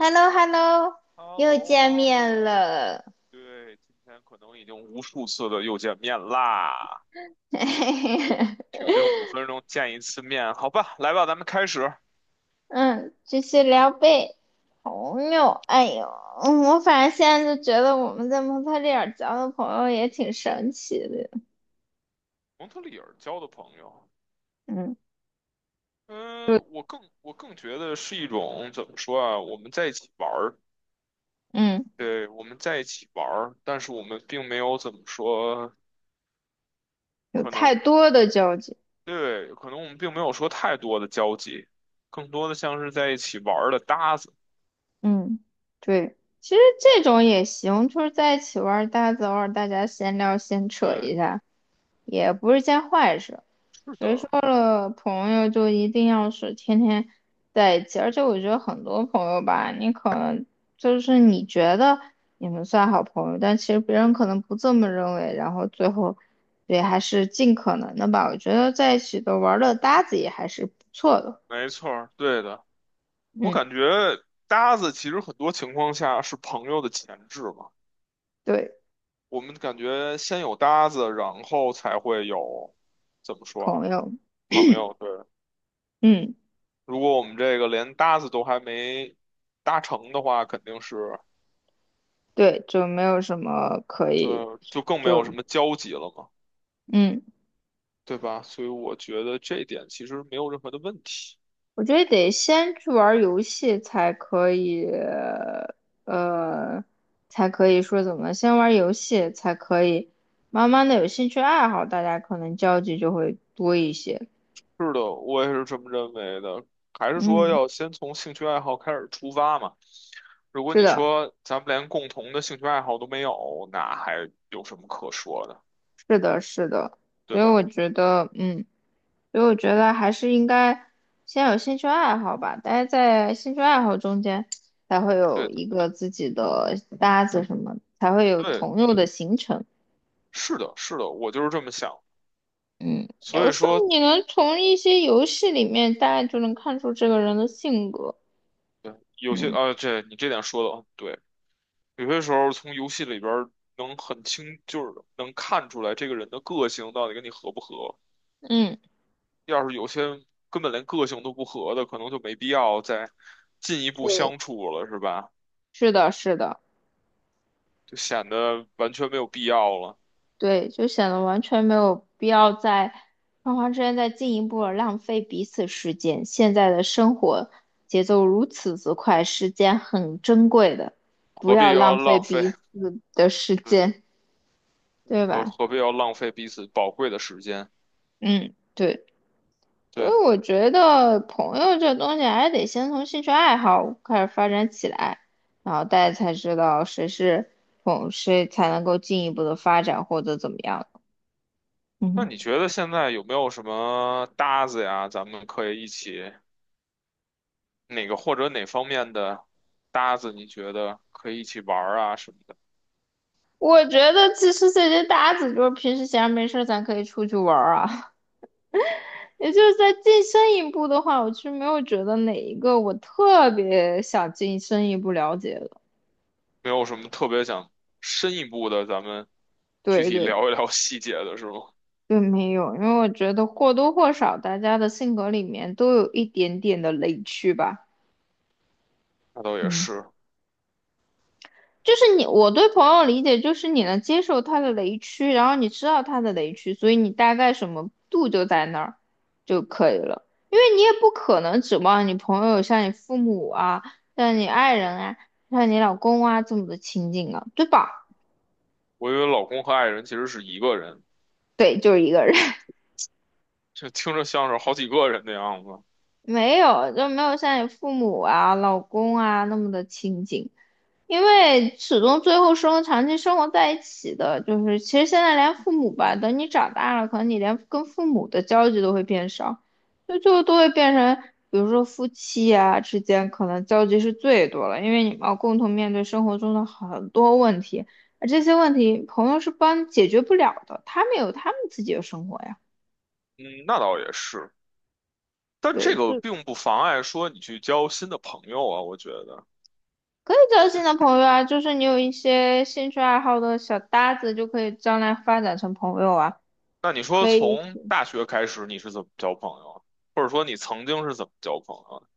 hello hello h e l l 又 o h 见 e l l 面 o 了。对，今天可能已经无数次的又见面啦，平均五分钟见一次面，好吧，来吧，咱们开始。嗯，继续聊呗。朋友，哎呦，我反正现在就觉得我们在蒙特利尔交的朋友也挺神奇的。蒙特利尔交的朋友，嗯，就嗯，我更觉得是一种怎么说啊？我们在一起玩儿，嗯，对，我们在一起玩儿，但是我们并没有怎么说，有可能太多的交集。对，可能我们并没有说太多的交集，更多的像是在一起玩儿的搭子。嗯，对，其实这种也行，就是在一起玩儿搭子，大家偶尔大家闲聊闲扯对，一下，也不是件坏事。是谁说的，了朋友就一定要是天天在一起？而且我觉得很多朋友吧，你可能就是你觉得你们算好朋友，但其实别人可能不这么认为，然后最后，也还是尽可能的吧。我觉得在一起的玩儿的搭子也还是不错的。没错儿，对的。我嗯，感觉搭子其实很多情况下是朋友的前置嘛。对，我们感觉先有搭子，然后才会有，怎么说朋啊，友，朋友。对，嗯，如果我们这个连搭子都还没搭成的话，肯定是，对，就没有什么可对，以，就更没有就什么交集了嘛，嗯。对吧？所以我觉得这点其实没有任何的问题。我觉得得先去玩儿游戏才可以，呃，才可以说怎么，先玩儿游戏才可以，慢慢的有兴趣爱好，大家可能交集就会多一些。是的，我也是这么认为的。还是说嗯，要先从兴趣爱好开始出发嘛？如果是你的，说咱们连共同的兴趣爱好都没有，那还有什么可说的，是的，是的，对所以吧？我觉得，嗯，所以我觉得还是应该先有兴趣爱好吧，大家在兴趣爱好中间才会对有的一个自己的搭子什么，才会有对，朋友的形成。是的，是的，我就是这么想。嗯，所有以时候说，你能从一些游戏里面大概就能看出这个人的性格。对，有些嗯啊，这你这点说的很对。有些时候从游戏里边儿能很清，就是能看出来这个人的个性到底跟你合不合。嗯，要是有些根本连个性都不合的，可能就没必要再进一步对，相处了，是吧？是的，是的，就显得完全没有必要了，对，就显得完全没有必要在双方之间再进一步的浪费彼此时间。现在的生活节奏如此之快，时间很珍贵的，不何必要要浪费浪费？彼此的时 间，对何吧？何必要浪费彼此宝贵的时间？嗯，对。所对，以我觉得朋友这东西还得先从兴趣爱好开始发展起来，然后大家才知道谁是朋，谁才能够进一步的发展或者怎么样。嗯那哼，你觉得现在有没有什么搭子呀？咱们可以一起哪个或者哪方面的搭子，你觉得可以一起玩儿啊什么的？我觉得其实这些搭子就是平时闲着没事儿，咱可以出去玩儿啊。也就是再进深一步的话，我其实没有觉得哪一个我特别想进深一步了解的。没有什么特别想深一步的，咱们对具体对对，聊一聊细节的是吗？对，没有，因为我觉得或多或少大家的性格里面都有一点点的雷区吧。那倒也嗯，是，就是你，我对朋友理解就是你能接受他的雷区，然后你知道他的雷区，所以你大概什么度就在那儿就可以了。因为你也不可能指望你朋友像你父母啊，像你爱人啊，像你老公啊这么的亲近啊，对吧？我以为老公和爱人其实是一个人，对，就是一个人，这听着像是好几个人的样子。没有，就没有像你父母啊、老公啊那么的亲近。因为始终最后生活长期生活在一起的，就是其实现在连父母吧，等你长大了，可能你连跟父母的交集都会变少，就最后都会变成，比如说夫妻啊之间可能交集是最多了，因为你们要共同面对生活中的很多问题，而这些问题朋友是帮解决不了的，他们有他们自己的生活呀，嗯，那倒也是，但这对，个是并不妨碍说你去交新的朋友啊，我觉得。可以交新的朋友啊，就是你有一些兴趣爱好的小搭子，就可以将来发展成朋友啊。那你说可以。从大学开始你是怎么交朋友啊？或者说你曾经是怎么交朋友啊？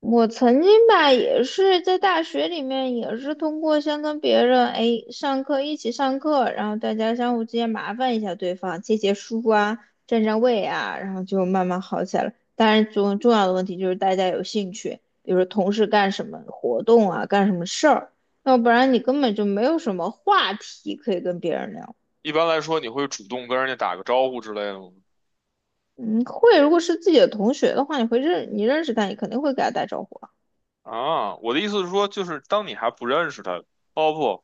我曾经吧，也是在大学里面，也是通过先跟别人哎上课一起上课，然后大家相互之间麻烦一下对方，借借书啊，占占位啊，然后就慢慢好起来了。当然，重要的问题就是大家有兴趣，比如说同事干什么活动啊，干什么事儿，要不然你根本就没有什么话题可以跟别人聊。一般来说，你会主动跟人家打个招呼之类的吗？嗯，会，如果是自己的同学的话，你会你认识他，你肯定会给他打招呼啊。啊，我的意思是说，就是当你还不认识他，哦不，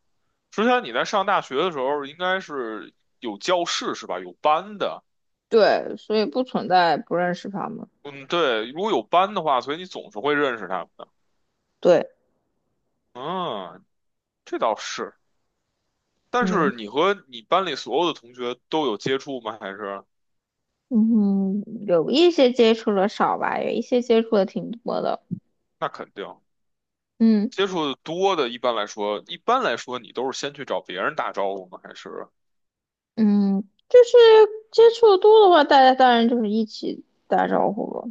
之前你在上大学的时候，应该是有教室是吧？有班的，对，所以不存在不认识他们。嗯，对，如果有班的话，所以你总是会认识他们的。对，嗯，这倒是，但是嗯你和你班里所有的同学都有接触吗？还是？嗯，有一些接触的少吧，有一些接触的挺多的。那肯定。嗯接触的多的，一般来说，你都是先去找别人打招呼吗？还是嗯，就是接触的多的话，大家当然就是一起打招呼了。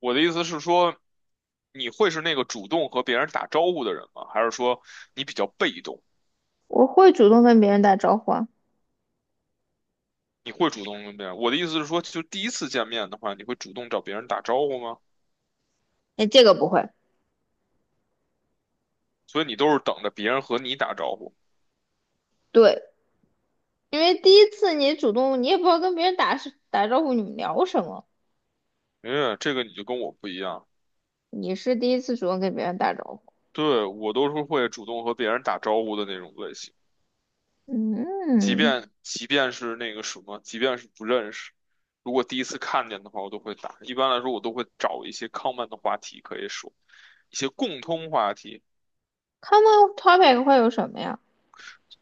我的意思是说，你会是那个主动和别人打招呼的人吗？还是说你比较被动？我会主动跟别人打招呼啊，你会主动跟别人？我的意思是说，就第一次见面的话，你会主动找别人打招呼吗？哎，这个不会。所以你都是等着别人和你打招呼。对，因为第一次你主动，你也不知道跟别人打是打招呼，你们聊什么，哎，这个你就跟我不一样，你是第一次主动跟别人打招呼。对，我都是会主动和别人打招呼的那种类型。即嗯便即便是那个什么，即便是不认识，如果第一次看见的话，我都会打。一般来说，我都会找一些 common 的话题可以说，一些共通话题。，common topic 会有什么呀？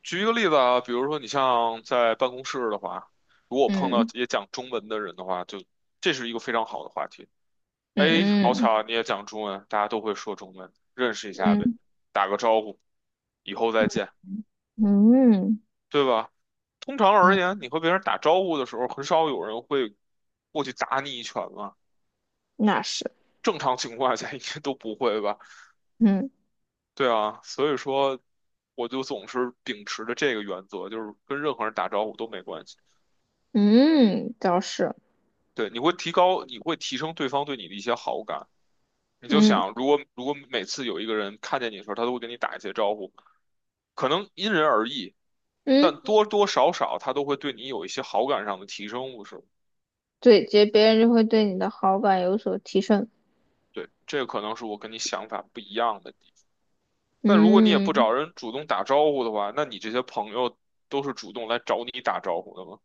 举一个例子啊，比如说你像在办公室的话，如果我碰到嗯也讲中文的人的话，就这是一个非常好的话题。哎，好嗯巧嗯啊，你也讲中文，大家都会说中文，认识一下呗，嗯打个招呼，以后再见。嗯对吧？通常而嗯，言，你和别人打招呼的时候，很少有人会过去打你一拳嘛。那是。正常情况下应该都不会吧？嗯。对啊，所以说我就总是秉持着这个原则，就是跟任何人打招呼都没关系。嗯，倒是，对，你会提高，你会提升对方对你的一些好感。你就嗯想，如果每次有一个人看见你的时候，他都会跟你打一些招呼，可能因人而异，但嗯，多多少少他都会对你有一些好感上的提升，不是吗？对，这别人就会对你的好感有所提升。对，这可能是我跟你想法不一样的地方。但如果你也不嗯，找人主动打招呼的话，那你这些朋友都是主动来找你打招呼的吗？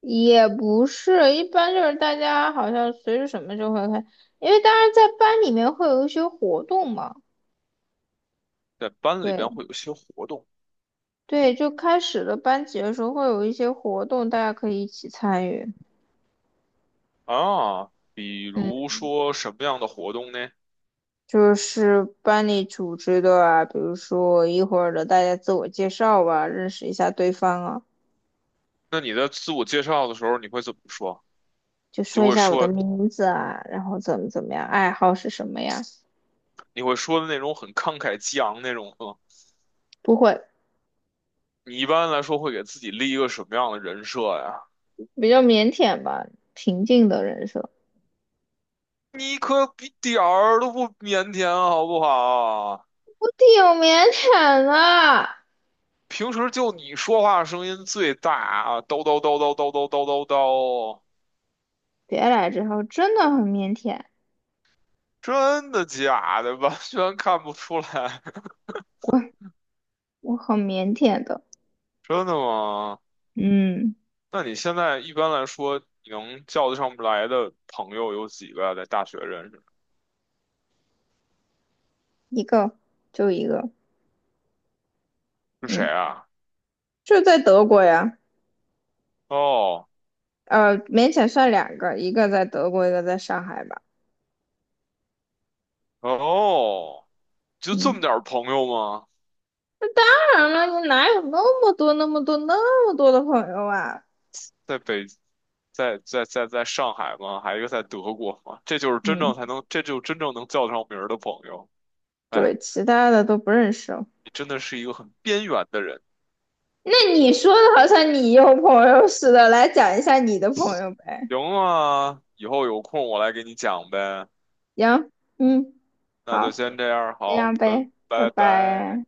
也不是，一般就是大家好像随着什么就会开，因为当然在班里面会有一些活动嘛。在班里对边会有些活动对，就开始了班级的时候会有一些活动，大家可以一起参与。啊，比嗯，如说什么样的活动呢？就是班里组织的啊，比如说一会儿的大家自我介绍啊，认识一下对方啊。那你在自我介绍的时候，你会怎么说？就你说就一会下我的说，名字啊，然后怎么怎么样，爱好是什么呀？你会说的那种很慷慨激昂那种吗？不会，你一般来说会给自己立一个什么样的人设呀？比较腼腆吧，平静的人设。你可比点儿都不腼腆，好不好？我挺腼腆的，平时就你说话声音最大啊，叨叨叨叨叨叨叨叨叨，别来这套，真的很腼腆，真的假的？完全看不出来，我很腼腆的。真的吗？嗯，那你现在一般来说，你能叫得上来的朋友有几个啊在大学认识的？一个就一个，是谁嗯，啊？就在德国呀。哦勉强算两个，一个在德国，一个在上海吧。哦，就这么嗯，点儿朋友吗？当然了，你哪有那么多、那么多、那么多的朋友啊？在北，在上海吗？还有一个在德国吗？这就是真正嗯，才能，这就真正能叫得上名儿的朋友。哎，对，其他的都不认识。你真的是一个很边缘的人。那你说的好像你有朋友似的，来讲一下你的朋友呗。行啊，以后有空我来给你讲呗。行，嗯，那就好，先这样，这好，样拜呗，拜拜拜。拜。